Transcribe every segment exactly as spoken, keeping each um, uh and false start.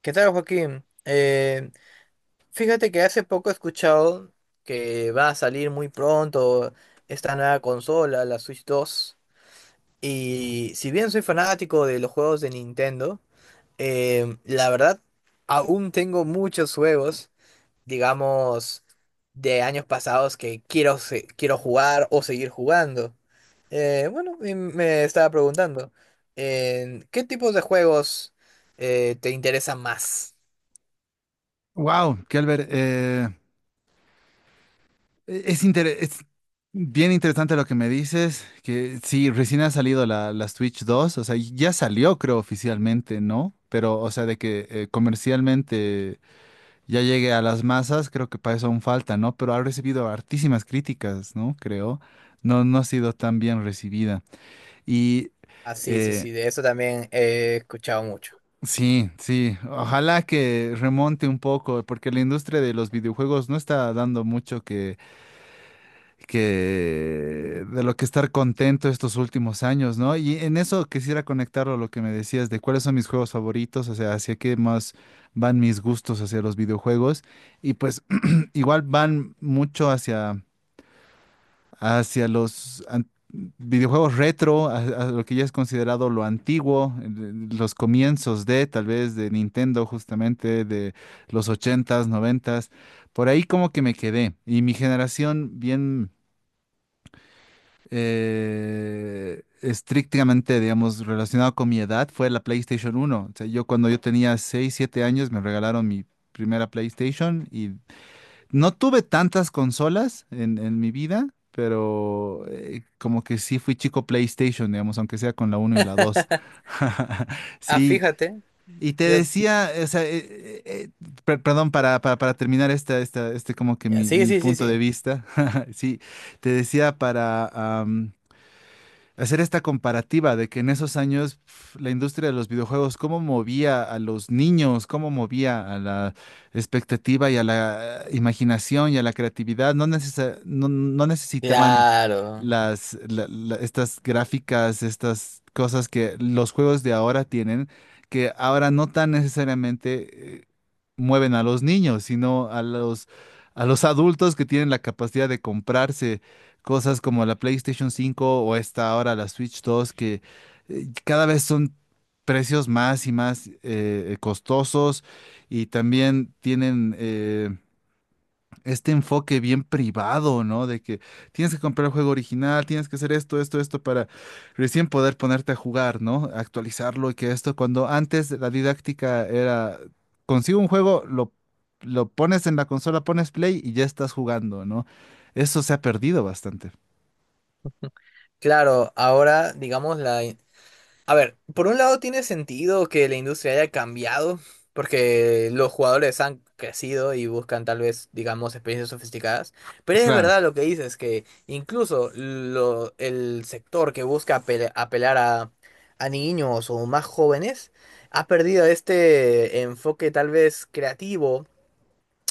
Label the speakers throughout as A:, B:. A: ¿Qué tal, Joaquín? Eh, fíjate que hace poco he escuchado que va a salir muy pronto esta nueva consola, la Switch dos. Y si bien soy fanático de los juegos de Nintendo, eh, la verdad aún tengo muchos juegos, digamos, de años pasados que quiero, se- quiero jugar o seguir jugando. Eh, bueno, y me estaba preguntando, eh, ¿qué tipos de juegos eh, te interesan más?
B: Wow, Kelber, eh, es, inter- es bien interesante lo que me dices, que sí, recién ha salido la, la Switch dos. O sea, ya salió creo oficialmente, ¿no? Pero, o sea, de que eh, comercialmente ya llegue a las masas, creo que para eso aún falta, ¿no? Pero ha recibido hartísimas críticas, ¿no? Creo no, no ha sido tan bien recibida. Y
A: Ah, sí, sí,
B: eh,
A: sí, de eso también he escuchado mucho.
B: sí, sí, ojalá que remonte un poco, porque la industria de los videojuegos no está dando mucho que de lo que estar contento estos últimos años, ¿no? Y en eso quisiera conectarlo a lo que me decías de cuáles son mis juegos favoritos, o sea, hacia qué más van mis gustos hacia los videojuegos y pues igual van mucho hacia hacia los an- videojuegos retro, a, a lo que ya es considerado lo antiguo, el- los comienzos de tal vez de Nintendo justamente de los ochentas noventas. Por ahí como que me quedé, y mi generación bien, eh, estrictamente, digamos, relacionado con mi edad, fue la PlayStation uno. O sea, yo cuando yo tenía seis, siete años me regalaron mi primera PlayStation y no tuve tantas consolas en, en mi vida, pero eh, como que sí fui chico PlayStation, digamos, aunque sea con la uno y la dos.
A: Ah,
B: Sí.
A: fíjate,
B: Y te
A: yo...
B: decía, o sea, eh, eh, eh, per- perdón, para, para, para terminar esta, esta, este como que mi,
A: Sí,
B: mi
A: sí, sí,
B: punto de
A: sí.
B: vista, sí, te decía para hacer esta comparativa de que en esos años pf, la industria de los videojuegos, cómo movía a los niños, cómo movía a la expectativa y a la eh, imaginación y a la creatividad. No necesa- no, no necesitaban
A: Claro,
B: las, la- la- estas gráficas, estas cosas que los juegos de ahora tienen, que ahora no tan necesariamente eh, mueven a los niños, sino a los, a los adultos que tienen la capacidad de comprarse cosas como la PlayStation cinco o esta ahora la Switch dos, que eh, cada vez son precios más y más eh, costosos, y también tienen eh, este enfoque bien privado, ¿no? De que tienes que comprar el juego original, tienes que hacer esto, esto, esto para recién poder ponerte a jugar, ¿no? Actualizarlo y que esto, cuando antes la didáctica era, consigo un juego, lo, lo pones en la consola, pones play y ya estás jugando, ¿no? Eso se ha perdido bastante.
A: claro. Ahora, digamos, la, a ver, por un lado tiene sentido que la industria haya cambiado, porque los jugadores han crecido y buscan tal vez, digamos, experiencias sofisticadas, pero es
B: Claro,
A: verdad lo que dices, que incluso lo- el sector que busca apel- apelar a, a niños o más jóvenes ha perdido este enfoque tal vez creativo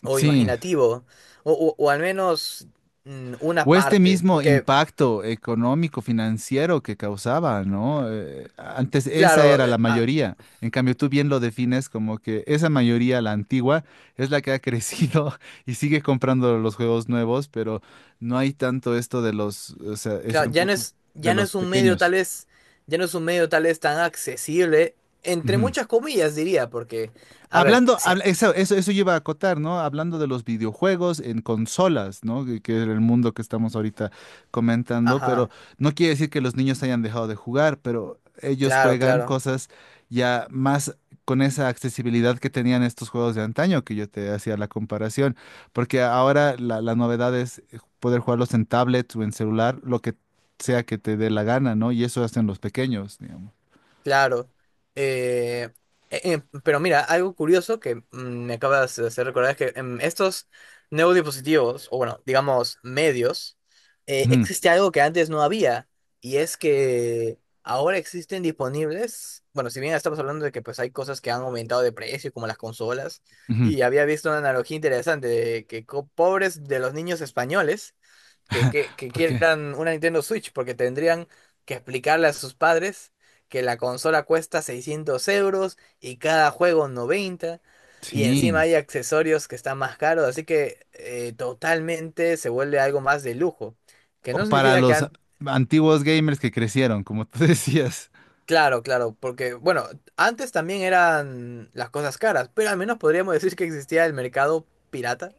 A: o
B: sí.
A: imaginativo, o, o- o al menos mm, una
B: O este
A: parte,
B: mismo
A: porque
B: impacto económico, financiero que causaba, ¿no? Eh, antes esa
A: claro.
B: era la mayoría. En cambio, tú bien lo defines como que esa mayoría, la antigua, es la que ha crecido y sigue comprando los juegos nuevos, pero no hay tanto esto de los, o sea, ese
A: Claro, ya no
B: enfoque
A: es,
B: de
A: ya no
B: los
A: es un medio tal
B: pequeños.
A: vez, ya no es un medio tal vez tan accesible, entre
B: Ujú.
A: muchas comillas diría, porque, a ver,
B: Hablando,
A: si-
B: habla- eso, eso, eso yo a acotar, ¿no? Hablando de los videojuegos en consolas, ¿no? Que, que es el mundo que estamos ahorita comentando, pero
A: ajá,
B: no quiere decir que los niños hayan dejado de jugar, pero ellos
A: claro,
B: juegan
A: claro.
B: cosas ya más con esa accesibilidad que tenían estos juegos de antaño, que yo te hacía la comparación, porque ahora la, la novedad es eh, poder jugarlos en tablets o en celular, lo que sea que te dé la gana, ¿no? Y eso hacen los pequeños, digamos.
A: Claro. Eh, eh, eh, pero mira, algo curioso que mm, me acabas de hacer recordar es que en estos nuevos dispositivos, o bueno, digamos medios, eh,
B: Ujú,
A: existe algo que antes no había, y es que ahora existen disponibles, bueno, si bien estamos hablando de que pues hay cosas que han aumentado de precio, como las consolas,
B: ujú.
A: y había visto una analogía interesante de que co- pobres de los niños españoles que, que, que
B: ¿Por qué?
A: quieran una Nintendo Switch, porque tendrían que explicarle a sus padres que la consola cuesta seiscientos euros y cada juego noventa, y encima
B: Sí.
A: hay accesorios que están más caros, así que eh, totalmente se vuelve algo más de lujo, que
B: O
A: no
B: para
A: significa que
B: los a-
A: antes...
B: antiguos gamers que crecieron, como tú decías.
A: Claro, claro, porque bueno, antes también eran las cosas caras, pero al menos podríamos decir que existía el mercado pirata,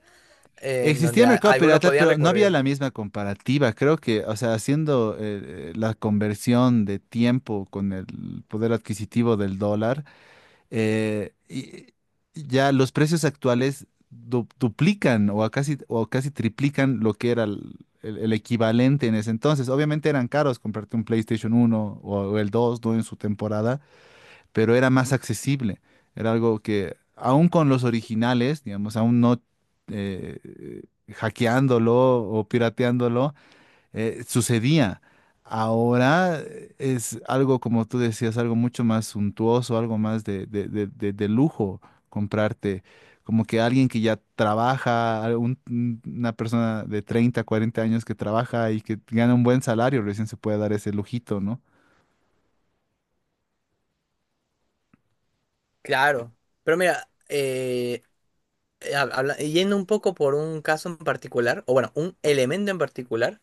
A: en
B: Existía
A: donde
B: el
A: a-
B: mercado
A: algunos
B: pirata,
A: podían
B: pero no había
A: recurrir.
B: la misma comparativa. Creo que, o sea, haciendo eh, eh, la conversión de tiempo con el poder adquisitivo del dólar, eh, y- y ya los precios actuales du- duplican o a casi, o casi triplican lo que era el, el- el equivalente en ese entonces. Obviamente eran caros comprarte un PlayStation uno o, o el dos, ¿no? En su temporada, pero era más accesible. Era algo que, aún con los originales, digamos, aún no, eh, hackeándolo o pirateándolo, eh, sucedía. Ahora eh, es algo, como tú decías, algo mucho más suntuoso, algo más de, de- de- de- de lujo comprarte. Como que alguien que ya trabaja, algún- una persona de treinta cuarenta años que trabaja y que gana un buen salario, recién se puede dar ese lujito, ¿no?
A: Claro, pero mira, eh, eh, hab- habla- eh, yendo un poco por un caso en particular, o bueno, un elemento en particular,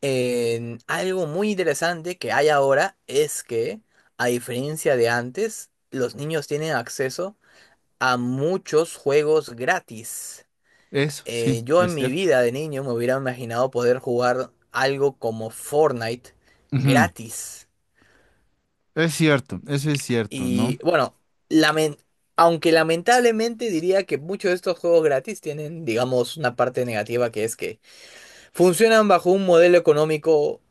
A: en algo muy interesante que hay ahora es que, a diferencia de antes, los niños tienen acceso a muchos juegos gratis.
B: Eso, sí,
A: Eh, yo en
B: es
A: mi
B: cierto.
A: vida de niño me hubiera imaginado poder jugar algo como Fortnite
B: Ujú.
A: gratis.
B: Es cierto, eso es cierto, ¿no?
A: Y bueno, lamen- aunque lamentablemente diría que muchos de estos juegos gratis tienen, digamos, una parte negativa que es que funcionan bajo un modelo económico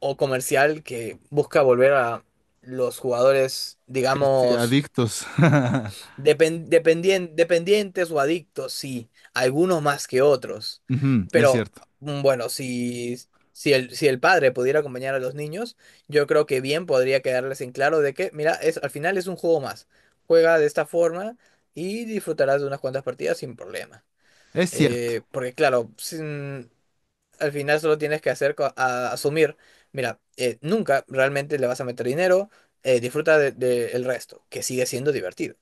A: o comercial que busca volver a los jugadores,
B: Que estoy-
A: digamos,
B: adictos.
A: depen- dependien- dependientes o adictos, sí, algunos más que otros.
B: Ujú, es
A: Pero
B: cierto,
A: mm, bueno, si, si el, si el padre pudiera acompañar a los niños, yo creo que bien podría quedarles en claro de que, mira, es, al final es un juego más. Juega de esta forma y disfrutarás de unas cuantas partidas sin problema.
B: es cierto.
A: Eh, porque claro, sin- al final solo tienes que hacer co- a- asumir, mira, eh, nunca realmente le vas a meter dinero, eh, disfruta de, de el resto, que sigue siendo divertido.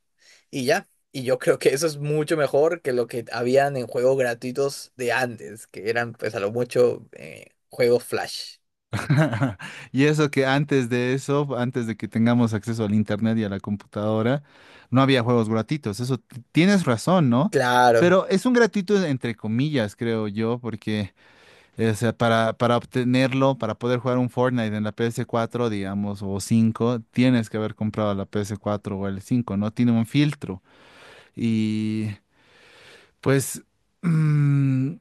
A: Y ya, y yo creo que eso es mucho mejor que lo que habían en juegos gratuitos de antes, que eran pues a lo mucho eh, juegos Flash.
B: Y eso que antes de eso, antes de que tengamos acceso al internet y a la computadora, no había juegos gratuitos. Eso t- tienes razón, ¿no?
A: Claro,
B: Pero es un gratuito entre comillas, creo yo, porque eh, o sea, para, para obtenerlo, para poder jugar un Fortnite en la P S cuatro, digamos, o cinco, tienes que haber comprado la P S cuatro o el cinco, ¿no? Tiene un filtro. Y pues, mm,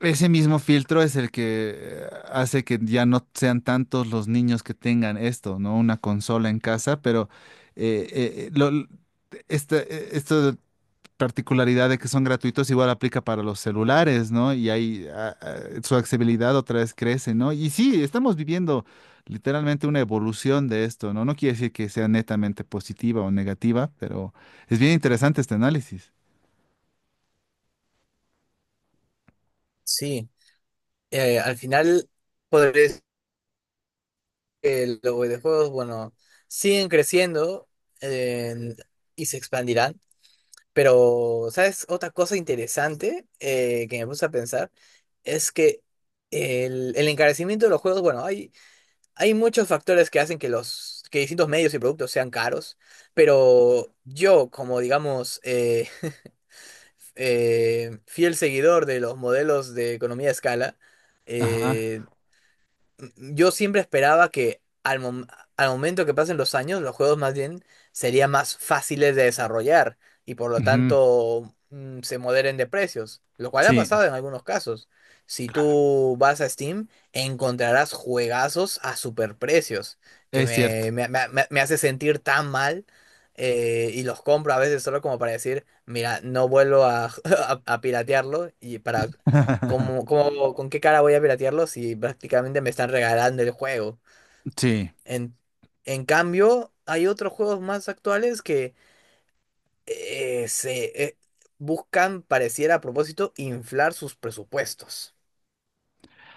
B: ese mismo filtro es el que eh, hace que ya no sean tantos los niños que tengan esto, ¿no? Una consola en casa, pero eh, eh, eh, lo- l- esta, eh, esta particularidad de que son gratuitos igual aplica para los celulares, ¿no? Y ahí ah, ah, su accesibilidad otra vez crece, ¿no? Y sí, estamos viviendo literalmente una evolución de esto, ¿no? No quiere decir que sea netamente positiva o negativa, pero es bien interesante este análisis.
A: sí. Eh, al final, podría decir que los videojuegos, bueno, siguen creciendo eh, y se expandirán. Pero, ¿sabes? Otra cosa interesante eh, que me puse a pensar es que el, el encarecimiento de los juegos, bueno, hay, hay muchos factores que hacen que los que distintos medios y productos sean caros, pero yo, como digamos, eh, eh, fiel seguidor de los modelos de economía a escala,
B: Ajá.
A: eh, yo siempre esperaba que al, mom- al momento que pasen los años, los juegos más bien serían más fáciles de desarrollar y por lo
B: Ujú.
A: tanto mm, se moderen de precios, lo cual ha
B: Sí,
A: pasado en algunos casos. Si tú vas a Steam, encontrarás juegazos a superprecios, que
B: es cierto.
A: me, me, me- me- me hace sentir tan mal eh, y los compro a veces solo como para decir, mira, no vuelvo a, a, a piratearlo. Y para ¿cómo, cómo- con qué cara voy a piratearlo si prácticamente me están regalando el juego?
B: Sí,
A: En, en cambio, hay otros juegos más actuales que eh, se eh, buscan, pareciera a propósito, inflar sus presupuestos.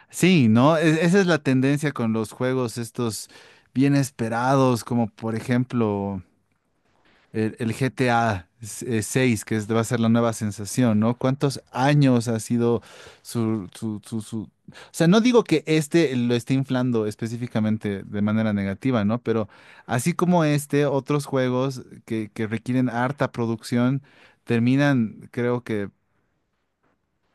B: sí, ¿no? E- esa es la tendencia con los juegos estos bien esperados, como por ejemplo el, el G T A seis, que es- va a ser la nueva sensación, ¿no? ¿Cuántos años ha sido su, su, su, su- o sea, no digo que este lo esté inflando específicamente de manera negativa, ¿no? Pero así como este, otros juegos que, que requieren harta producción terminan, creo que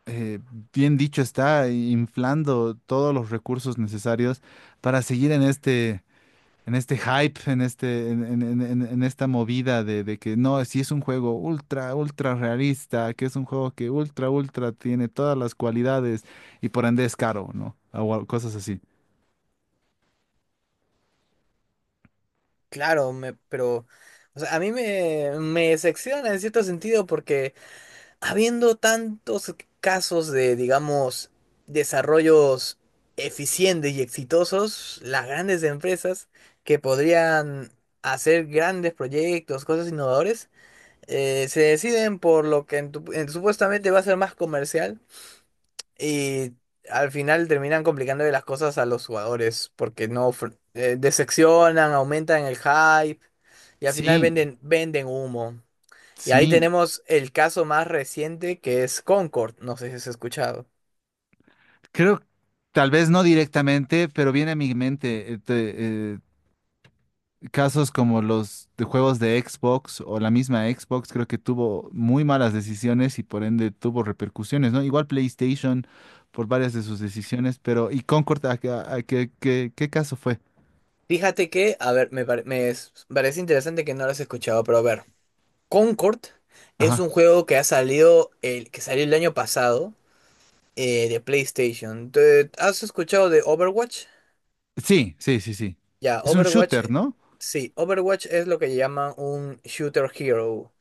B: eh, bien dicho, está inflando todos los recursos necesarios para seguir en este, en este hype, en este, en, en- en- en- en esta movida de, de que no, si es un juego ultra, ultra realista, que es un juego que ultra, ultra tiene todas las cualidades y por ende es caro, ¿no? O al- cosas así.
A: Claro, me, pero o sea, a mí me, me decepciona en cierto sentido porque habiendo tantos casos de, digamos, desarrollos eficientes y exitosos, las grandes empresas que podrían hacer grandes proyectos, cosas innovadoras, eh, se deciden por lo que en tu- en- supuestamente va a ser más comercial y al final terminan complicándole las cosas a los jugadores porque no ofre- eh, decepcionan, aumentan el hype y al final
B: Sí,
A: venden, venden humo. Y ahí
B: sí,
A: tenemos el caso más reciente que es Concord. No sé si has escuchado.
B: creo, tal vez no directamente, pero viene a mi mente casos como los de juegos de Xbox o la misma Xbox, creo que tuvo muy malas decisiones y por ende tuvo repercusiones, ¿no? Igual PlayStation por varias de sus decisiones, pero ¿y Concord a, qué, a qué- qué- qué caso fue?
A: Fíjate que, a ver, me, pare- me es- parece interesante que no lo has escuchado, pero a ver, Concord es
B: Ajá.
A: un juego que ha salido el, que salió el año pasado eh, de PlayStation. ¿Te- ¿Has escuchado de Overwatch?
B: Sí, sí, sí, sí.
A: Ya,
B: Es un
A: Overwatch,
B: shooter,
A: eh,
B: ¿no?
A: sí, Overwatch es lo que llaman un shooter hero.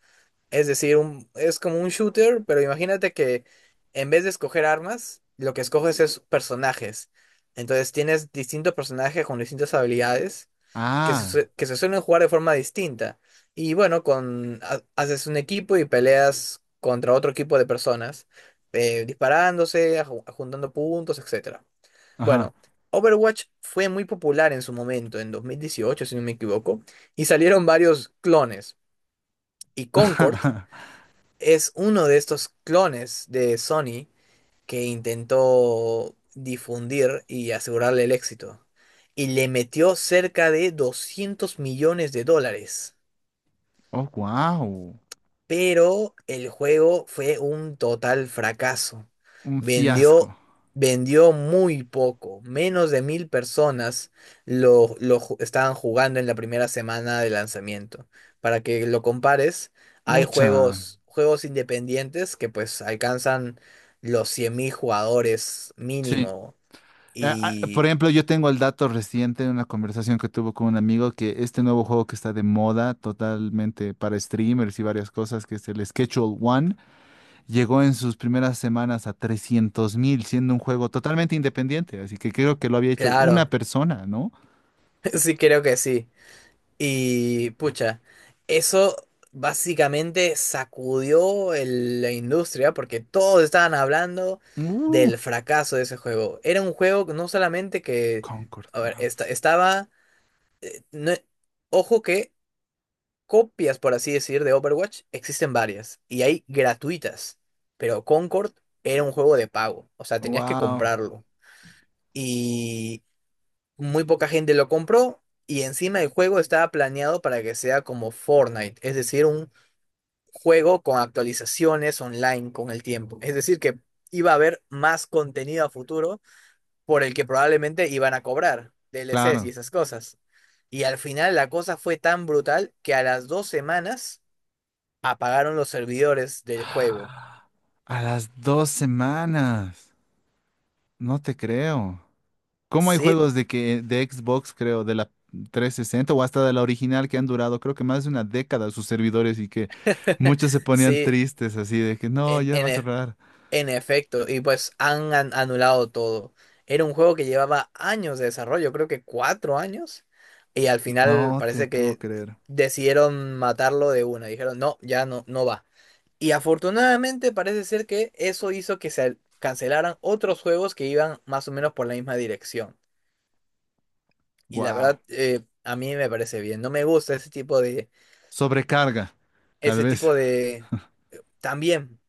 A: Es decir, un, es como un shooter, pero imagínate que en vez de escoger armas, lo que escoges es personajes. Entonces tienes distintos personajes con distintas habilidades que se,
B: Ah,
A: sue- que se suelen jugar de forma distinta. Y bueno, con, ha- haces un equipo y peleas contra otro equipo de personas, eh, disparándose, aju- juntando puntos, etcétera.
B: ajá.
A: Bueno, Overwatch fue muy popular en su momento, en dos mil dieciocho si no me equivoco, y salieron varios clones. Y Concord es uno de estos clones de Sony que intentó difundir y asegurarle el éxito. Y le metió cerca de doscientos millones de dólares,
B: Oh, wow.
A: pero el juego fue un total fracaso.
B: Un
A: Vendió,
B: fiasco.
A: vendió muy poco, menos de mil personas lo, lo ju- estaban jugando en la primera semana de lanzamiento. Para que lo compares, hay
B: Pucha.
A: juegos, juegos independientes que pues alcanzan los cien mil jugadores
B: Sí.
A: mínimo.
B: Ah, ah, por
A: Y
B: ejemplo, yo tengo el dato reciente de una conversación que tuve con un amigo, que este nuevo juego que está de moda totalmente para streamers y varias cosas, que es el Schedule One, llegó en sus primeras semanas a trescientos mil, siendo un juego totalmente independiente. Así que creo que lo había hecho una
A: claro,
B: persona, ¿no?
A: sí, creo que sí. Y pucha, eso básicamente sacudió el- la industria porque todos estaban hablando del
B: Uf,
A: fracaso de ese juego. Era un juego que no solamente que,
B: Concord,
A: a ver,
B: wow.
A: esta- estaba, no- ojo que copias, por así decir, de Overwatch existen varias y hay gratuitas, pero Concord era un juego de pago, o sea, tenías que
B: Wow,
A: comprarlo. Muy poca gente lo compró y encima el juego estaba planeado para que sea como Fortnite, es decir, un juego con actualizaciones online con el tiempo. Es decir, que iba a haber más contenido a futuro por el que probablemente iban a cobrar D L Cs y
B: claro.
A: esas cosas. Y al final la cosa fue tan brutal que a las dos semanas apagaron los servidores del juego.
B: A las dos semanas. No te creo. ¿Cómo hay
A: Sí,
B: juegos de que de Xbox, creo, de la trescientos sesenta, o hasta de la original, que han durado, creo que más de una década, sus servidores, y que muchos se ponían
A: sí,
B: tristes así de que no,
A: en,
B: ya va
A: en,
B: a
A: e,
B: cerrar?
A: en efecto, y pues han an- anulado todo. Era un juego que llevaba años de desarrollo, creo que cuatro años, y al final
B: No te
A: parece
B: puedo
A: que
B: creer.
A: decidieron matarlo de una. Dijeron, no, ya no, no va. Y afortunadamente parece ser que eso hizo que se cancelaran otros juegos que iban más o menos por la misma dirección. Y la
B: Wow.
A: verdad, eh, a mí me parece bien. No me gusta ese tipo de,
B: Sobrecarga, tal
A: ese
B: vez.
A: tipo de, también.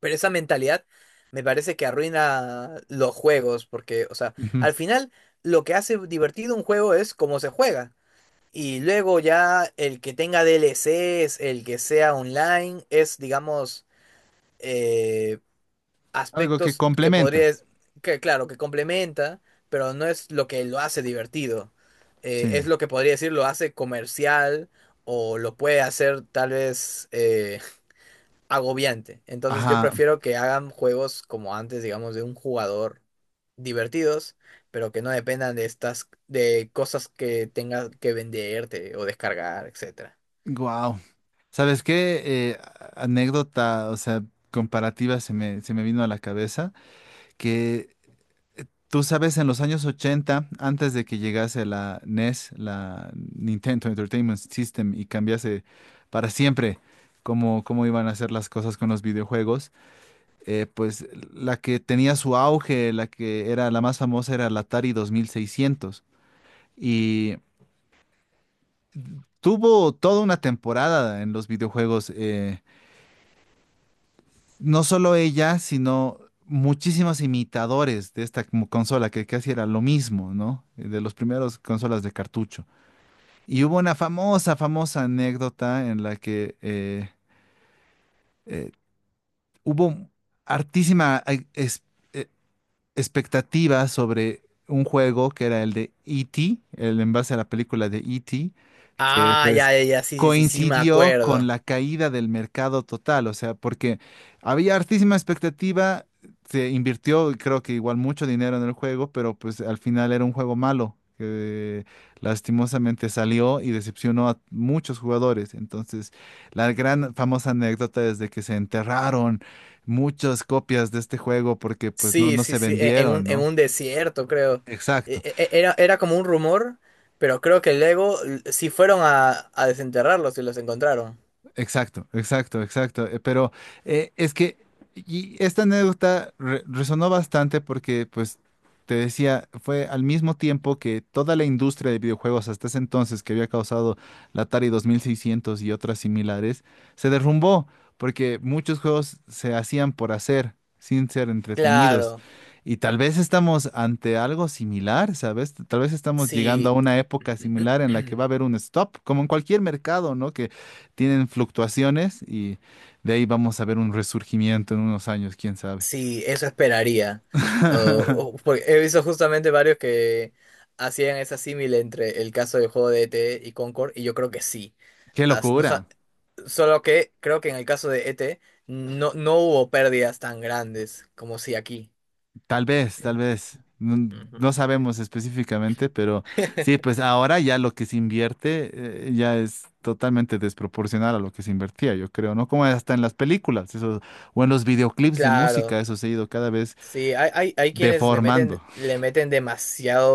A: Pero esa mentalidad me parece que arruina los juegos, porque, o sea,
B: Ujú.
A: al final lo que hace divertido un juego es cómo se juega. Y luego ya el que tenga D L Cs, el que sea online, es, digamos, eh,
B: Algo que
A: aspectos que
B: complementa.
A: podrías, que claro, que complementa, pero no es lo que lo hace divertido. Eh, es
B: Sí.
A: lo que podría decir lo hace comercial o lo puede hacer tal vez... eh, agobiante. Entonces yo
B: Ajá.
A: prefiero que hagan juegos como antes, digamos, de un jugador divertidos, pero que no dependan de estas, de cosas que tengas que venderte o descargar, etcétera.
B: Wow. ¿Sabes qué? Eh, a- anécdota, o sea, comparativa, se me, se me vino a la cabeza que tú sabes, en los años ochenta, antes de que llegase la N E S, la Nintendo Entertainment System, y cambiase para siempre cómo, cómo iban a hacer las cosas con los videojuegos, eh, pues la que tenía su auge, la que era la más famosa, era la Atari dos mil seiscientos. Y tuvo toda una temporada en los videojuegos, eh, no solo ella, sino muchísimos imitadores de esta, como consola que casi era lo mismo, ¿no? De los primeros consolas de cartucho. Y hubo una famosa, famosa anécdota en la que eh, eh, hubo hartísima expectativa sobre un juego que era el de E T, el en base a la película de E T, que
A: Ah,
B: pues
A: ya, ya, ya, sí, sí, sí, sí, me
B: coincidió con
A: acuerdo.
B: la caída del mercado total. O sea, porque había hartísima expectativa, se invirtió creo que igual mucho dinero en el juego, pero pues al final era un juego malo, que lastimosamente salió y decepcionó a muchos jugadores. Entonces, la gran famosa anécdota es de que se enterraron muchas copias de este juego porque pues no,
A: Sí,
B: no
A: sí,
B: se
A: sí, e- en un,
B: vendieron,
A: en
B: ¿no?
A: un desierto, creo.
B: Exacto.
A: E- e- e, Era, era como un rumor, pero creo que luego l- sí fueron a, a desenterrarlos y los encontraron.
B: Exacto, exacto, exacto. Eh, pero eh, es que y esta anécdota re- resonó bastante porque, pues, te decía, fue al mismo tiempo que toda la industria de videojuegos hasta ese entonces, que había causado la Atari dos mil seiscientos y otras similares, se derrumbó, porque muchos juegos se hacían por hacer, sin ser entretenidos.
A: Claro,
B: Y tal vez estamos ante algo similar, ¿sabes? Tal vez estamos llegando a
A: sí.
B: una época similar en la que va a haber un stop, como en cualquier mercado, ¿no? Tienen fluctuaciones, y de ahí vamos a ver un resurgimiento en unos años, quién sabe.
A: Sí, eso esperaría. O- o- porque he visto justamente varios que hacían esa símil entre el caso del juego de E T y Concord, y yo creo que sí.
B: Qué
A: As- no
B: locura.
A: sa- solo que creo que en el caso de E T no, no hubo pérdidas tan grandes como si aquí.
B: Tal vez, tal vez. No,
A: Ujú.
B: no sabemos específicamente, pero sí, pues ahora ya lo que se invierte, eh, ya es totalmente desproporcional a lo que se invertía, yo creo, ¿no? Como hasta en las películas, eso, o en los videoclips de música,
A: Claro,
B: eso se ha ido cada vez
A: sí, hay, hay, hay quienes le
B: deformando.
A: meten, le meten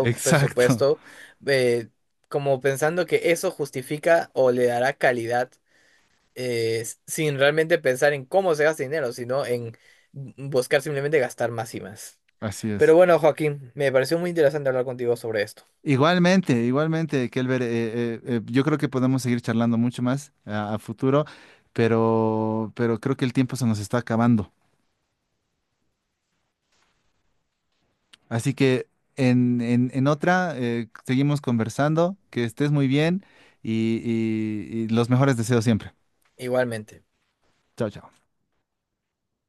B: Exacto.
A: presupuesto, eh, como pensando que eso justifica o le dará calidad eh, s- sin realmente pensar en cómo se gasta dinero, sino en buscar simplemente gastar más y más.
B: Así es.
A: Pero bueno, Joaquín, me pareció muy interesante hablar contigo sobre esto.
B: Igualmente, igualmente, Kelber, eh, eh, eh, yo creo que podemos seguir charlando mucho más a, a futuro, pero, pero creo que el tiempo se nos está acabando. Así que en, en, en otra, eh, seguimos conversando, que estés muy bien y, y y los mejores deseos siempre.
A: Igualmente.
B: Chao, chao.